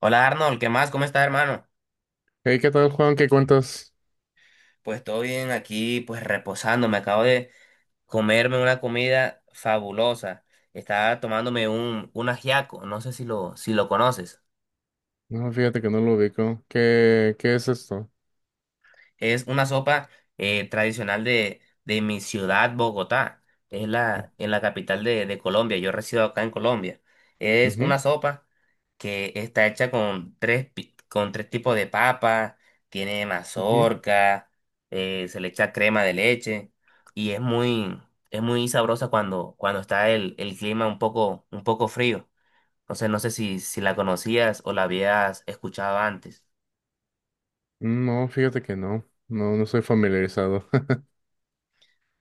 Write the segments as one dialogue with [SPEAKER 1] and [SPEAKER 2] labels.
[SPEAKER 1] Hola Arnold, ¿qué más? ¿Cómo estás, hermano?
[SPEAKER 2] Hey, ¿qué tal, Juan? ¿Qué cuentas?
[SPEAKER 1] Pues todo bien aquí, pues reposando. Me acabo de comerme una comida fabulosa. Estaba tomándome un ajiaco, no sé si lo conoces.
[SPEAKER 2] No, fíjate que no lo ubico. ¿Qué es esto?
[SPEAKER 1] Es una sopa tradicional de mi ciudad, Bogotá. En la capital de Colombia. Yo resido acá en Colombia. Es una
[SPEAKER 2] Ujú,
[SPEAKER 1] sopa que está hecha con con tres tipos de papa. Tiene
[SPEAKER 2] ujú.
[SPEAKER 1] mazorca, se le echa crema de leche. Y es muy, es muy sabrosa cuando está el clima un poco frío. Entonces no sé si la conocías o la habías escuchado antes.
[SPEAKER 2] Mm, no, fíjate que no. No, no soy familiarizado.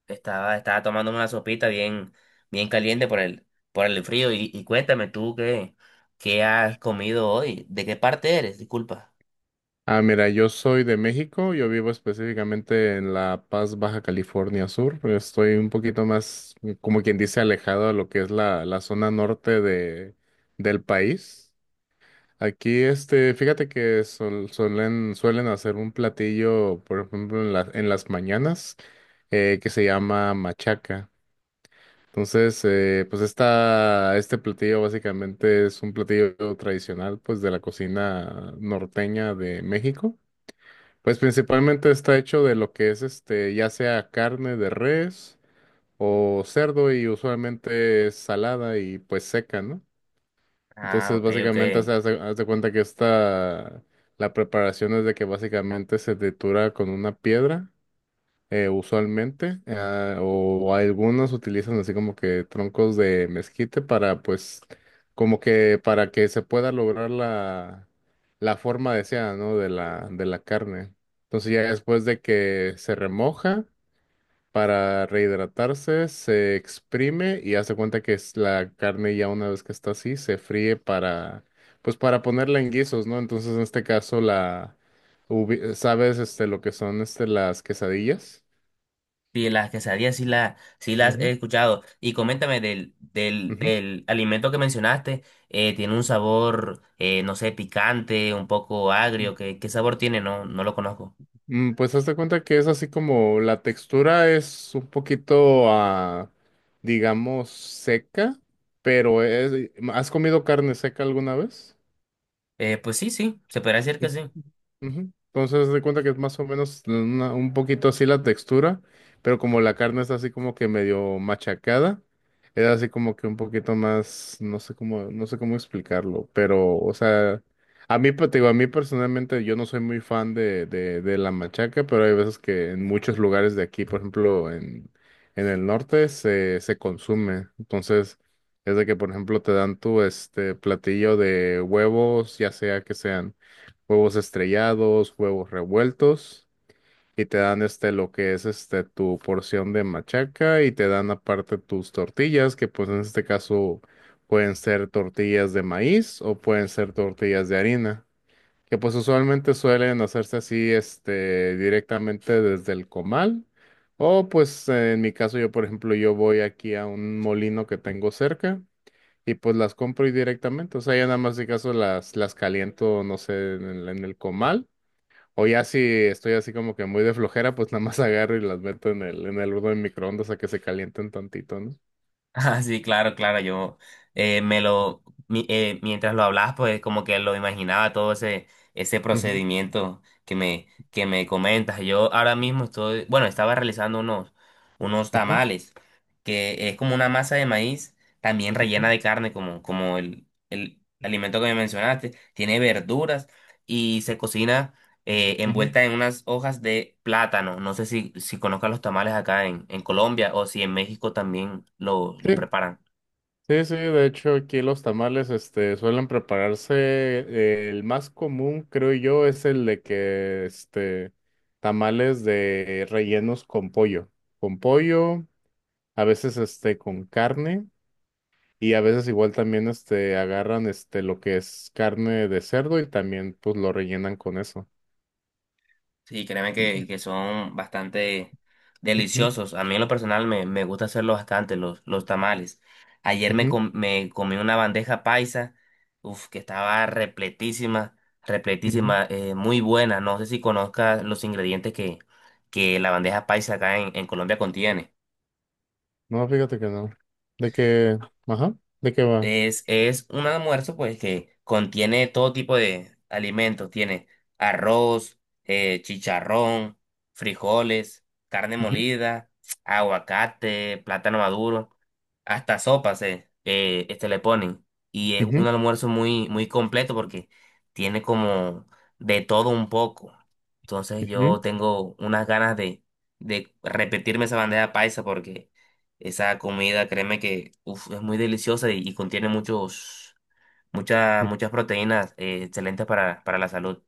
[SPEAKER 1] Estaba tomando una sopita bien caliente por el frío. Y cuéntame tú qué has comido hoy. ¿De qué parte eres? Disculpa.
[SPEAKER 2] Ah, mira, yo soy de México. Yo vivo específicamente en La Paz, Baja California Sur, pero estoy un poquito más, como quien dice, alejado a lo que es la zona norte del país. Aquí, este, fíjate que suelen hacer un platillo, por ejemplo, en en las mañanas, que se llama machaca. Entonces, pues este platillo básicamente es un platillo tradicional, pues, de la cocina norteña de México. Pues principalmente está hecho de lo que es, este, ya sea carne de res o cerdo y usualmente es salada y pues seca, ¿no?
[SPEAKER 1] Ah,
[SPEAKER 2] Entonces,
[SPEAKER 1] ok, ok.
[SPEAKER 2] básicamente, haz de cuenta que la preparación es de que básicamente se tritura con una piedra, usualmente, o algunos utilizan así como que troncos de mezquite para, pues, como que para que se pueda lograr la, la forma deseada, ¿no? De la carne. Entonces, ya después de que se remoja, para rehidratarse, se exprime y hace cuenta que es la carne ya una vez que está así, se fríe pues para ponerla en guisos, ¿no? Entonces, en este caso, ¿sabes, este, lo que son, este, las quesadillas?
[SPEAKER 1] Sí, las quesadillas sí las he
[SPEAKER 2] Ujú,
[SPEAKER 1] escuchado. Y coméntame del, del,
[SPEAKER 2] ujú.
[SPEAKER 1] del alimento que mencionaste. ¿tiene un sabor, no sé, picante, ¿un poco
[SPEAKER 2] Mm,
[SPEAKER 1] agrio? ¿Qué sabor tiene? No, no lo conozco.
[SPEAKER 2] Pues hazte cuenta que es así como la textura es un poquito, digamos, seca, pero ¿has comido carne seca alguna vez?
[SPEAKER 1] Pues sí, sí, se podría decir que sí.
[SPEAKER 2] Ujú. Entonces, haz de cuenta que es más o menos un poquito así la textura, pero como la carne está así como que medio machacada, era así como que un poquito más, no sé cómo explicarlo, pero, o sea, a mí, pues, te digo, a mí personalmente yo no soy muy fan de la machaca, pero hay veces que en muchos lugares de aquí, por ejemplo, en el norte se consume, entonces. Es de que, por ejemplo, te dan tu este platillo de huevos, ya sea que sean huevos estrellados, huevos revueltos, y te dan este lo que es este tu porción de machaca y te dan aparte tus tortillas, que pues en este caso pueden ser tortillas de maíz o pueden ser tortillas de harina, que pues usualmente suelen hacerse así este directamente desde el comal. O pues en mi caso yo, por ejemplo, yo voy aquí a un molino que tengo cerca y pues las compro ahí directamente, o sea, ya nada más de caso las caliento, no sé, en el comal, o ya si estoy así como que muy de flojera, pues nada más agarro y las meto en el horno de microondas a que se calienten tantito, ¿no?
[SPEAKER 1] Ah, sí, claro, claro, yo me lo, mi- mientras lo hablabas, pues como que lo imaginaba todo ese, ese
[SPEAKER 2] Ujú,
[SPEAKER 1] procedimiento que me comentas. Yo ahora mismo estoy, bueno, estaba realizando unos
[SPEAKER 2] ujú,
[SPEAKER 1] tamales, que es como una masa de maíz, también rellena
[SPEAKER 2] ujú,
[SPEAKER 1] de carne, como el alimento que me mencionaste, tiene verduras y se cocina
[SPEAKER 2] ujú.
[SPEAKER 1] envuelta en unas hojas de plátano. No sé si conozcan los tamales acá en Colombia o si en México también lo
[SPEAKER 2] Sí,
[SPEAKER 1] preparan.
[SPEAKER 2] sí, sí, de hecho aquí los tamales, este, suelen prepararse, el más común, creo yo, es el de que, este, tamales de rellenos con pollo, a veces, este, con carne. Y a veces igual también este agarran este lo que es carne de cerdo y también pues lo rellenan con eso.
[SPEAKER 1] Sí, créeme
[SPEAKER 2] Ujú,
[SPEAKER 1] que son bastante deliciosos. A mí en lo personal me gusta hacerlo bastante, los tamales. Ayer me,
[SPEAKER 2] ujú,
[SPEAKER 1] com- me comí una bandeja paisa, uf, que estaba repletísima,
[SPEAKER 2] ujú.
[SPEAKER 1] repletísima, muy buena. No sé si conozcas los ingredientes que la bandeja paisa acá en Colombia contiene.
[SPEAKER 2] No, fíjate que no. De que, ajá, de qué va.
[SPEAKER 1] Es un almuerzo pues que contiene todo tipo de alimentos. Tiene arroz, chicharrón, frijoles, carne
[SPEAKER 2] Ujú,
[SPEAKER 1] molida, aguacate, plátano maduro, hasta sopas este le ponen. Y es un
[SPEAKER 2] ujú,
[SPEAKER 1] almuerzo muy completo porque tiene como de todo un poco. Entonces yo
[SPEAKER 2] ujú,
[SPEAKER 1] tengo unas ganas de repetirme esa bandeja paisa porque esa comida, créeme que uf, es muy deliciosa y contiene muchos, muchas,
[SPEAKER 2] ujú.
[SPEAKER 1] muchas proteínas excelentes para la salud.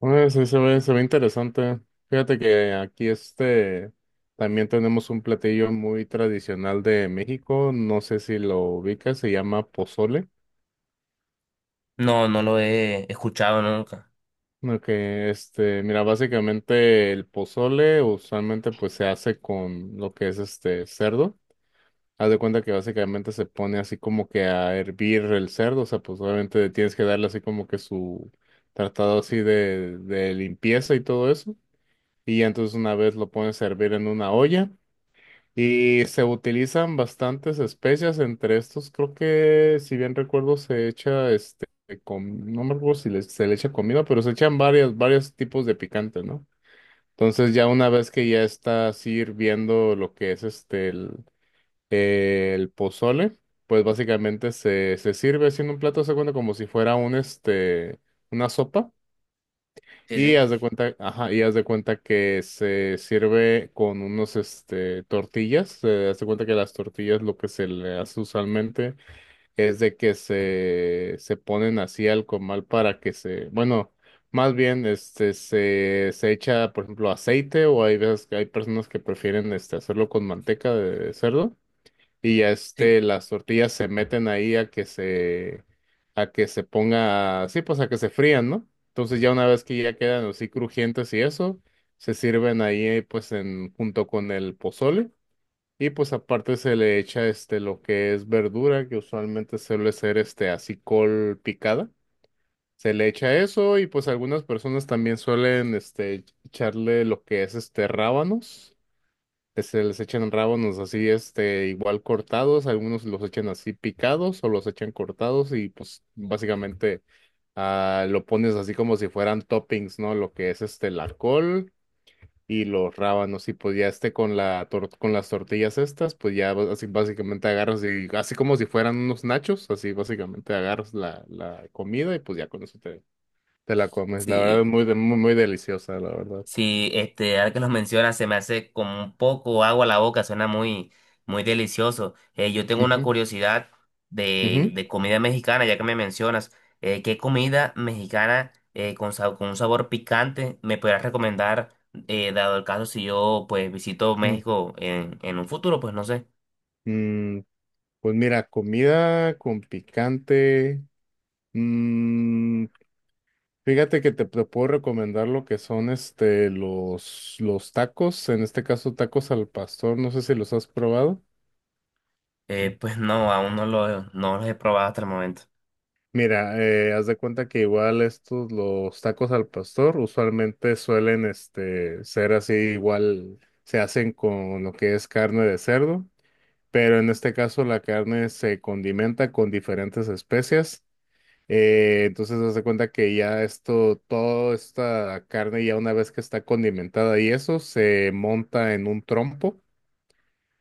[SPEAKER 2] Bueno, sí se ve interesante. Fíjate que aquí este también tenemos un platillo muy tradicional de México. No sé si lo ubicas, se llama pozole.
[SPEAKER 1] No, no lo he escuchado nunca.
[SPEAKER 2] No, que este, mira, básicamente el pozole usualmente pues se hace con lo que es este cerdo. Haz de cuenta que básicamente se pone así como que a hervir el cerdo, o sea, pues obviamente tienes que darle así como que su tratado así de limpieza y todo eso. Y ya entonces una vez lo pones a hervir en una olla y se utilizan bastantes especias entre estos. Creo que, si bien recuerdo, se echa este, no me acuerdo si le- se le echa comida, pero se echan varios tipos de picante, ¿no? Entonces ya una vez que ya está así hirviendo lo que es este, el pozole, pues básicamente se sirve haciendo un plato, haz de cuenta como si fuera una sopa,
[SPEAKER 1] Sí,
[SPEAKER 2] y
[SPEAKER 1] sí.
[SPEAKER 2] haz de cuenta, ajá, haz de cuenta que se sirve con unos este tortillas. Haz de cuenta que las tortillas lo que se le hace usualmente es de que se ponen así al comal para que bueno, más bien este se echa, por ejemplo, aceite, o hay veces que hay personas que prefieren este hacerlo con manteca de cerdo y ya
[SPEAKER 1] Sí.
[SPEAKER 2] este, las tortillas se meten ahí a que se ponga, sí, pues a que se frían, ¿no? Entonces ya una vez que ya quedan así crujientes y eso, se sirven ahí pues junto con el pozole y pues aparte se le echa este lo que es verdura, que usualmente suele ser este así col picada. Se le echa eso y pues algunas personas también suelen este echarle lo que es este rábanos este, les echan rábanos así, este, igual cortados, algunos los echan así picados o los echan cortados y pues básicamente lo pones así como si fueran toppings, ¿no? Lo que es este, la col y los rábanos y pues ya este con con las tortillas estas, pues ya así básicamente agarras y así como si fueran unos nachos, así básicamente agarras la comida y pues ya con eso te la comes. La verdad es
[SPEAKER 1] Sí,
[SPEAKER 2] muy, muy, muy deliciosa, la verdad.
[SPEAKER 1] sí, este, ahora que los mencionas, se me hace como un poco agua a la boca, suena muy, muy delicioso. Yo tengo una
[SPEAKER 2] Ujú,
[SPEAKER 1] curiosidad de,
[SPEAKER 2] ujú.
[SPEAKER 1] de comida mexicana, ya que me mencionas. ¿Qué comida mexicana con un sabor picante me podrías recomendar, dado el caso si yo pues visito
[SPEAKER 2] Mm.
[SPEAKER 1] México en un futuro? Pues no sé.
[SPEAKER 2] Mm, Pues mira, comida con picante. mm, Fíjate que te puedo recomendar lo que son este los tacos, en este caso tacos al pastor, no sé si los has probado.
[SPEAKER 1] Pues no, aún no no los he probado hasta el momento.
[SPEAKER 2] Mira, haz de cuenta que igual los tacos al pastor, usualmente suelen este, ser así, igual se hacen con lo que es carne de cerdo, pero en este caso la carne se condimenta con diferentes especias. Entonces, das de cuenta que ya esto, toda esta carne, ya una vez que está condimentada y eso, se monta en un trompo.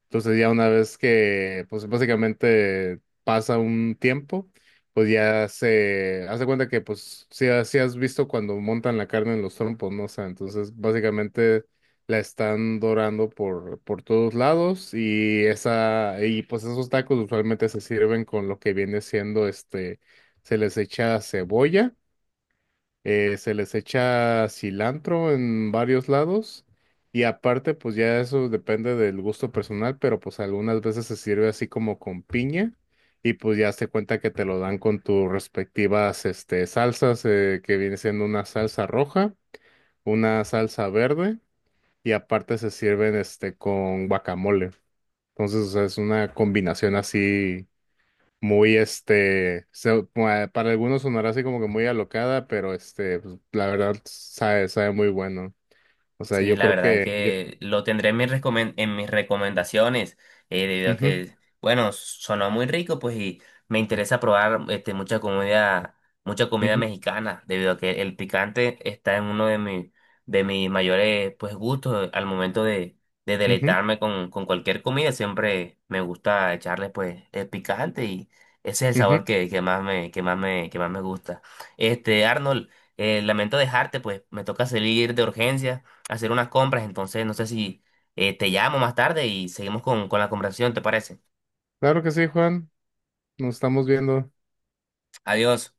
[SPEAKER 2] Entonces ya una vez que, pues básicamente pasa un tiempo, pues ya se hace cuenta que, pues sí, sí has visto cuando montan la carne en los trompos, ¿no? O sea, entonces básicamente la están dorando por todos lados y y pues esos tacos usualmente se sirven con lo que viene siendo este, se les echa cebolla, se les echa cilantro en varios lados y aparte pues ya eso depende del gusto personal, pero pues algunas veces se sirve así como con piña y pues ya se cuenta que te lo dan con tus respectivas este, salsas, que viene siendo una salsa roja, una salsa verde y aparte se sirven este, con guacamole. Entonces, o sea, es una combinación así muy, este, para algunos sonará así como que muy alocada, pero este, pues, la verdad sabe muy bueno. O sea,
[SPEAKER 1] Sí,
[SPEAKER 2] yo
[SPEAKER 1] la
[SPEAKER 2] creo
[SPEAKER 1] verdad es
[SPEAKER 2] que yo-
[SPEAKER 1] que lo tendré en en mis recomendaciones, debido a que, bueno, sonó muy rico, pues, y me interesa probar este, mucha comida
[SPEAKER 2] Ujú, ujú,
[SPEAKER 1] mexicana, debido a que el picante está en uno de mis mayores, pues, gustos al momento de
[SPEAKER 2] ujú,
[SPEAKER 1] deleitarme con cualquier comida. Siempre me gusta echarle, pues, el picante y ese es el sabor
[SPEAKER 2] ujú.
[SPEAKER 1] que, que más me gusta. Este, Arnold, lamento dejarte, pues, me toca salir de urgencia hacer unas compras, entonces no sé si te llamo más tarde y seguimos con la conversación, ¿te parece?
[SPEAKER 2] Claro que sí, Juan. Nos estamos viendo.
[SPEAKER 1] Adiós.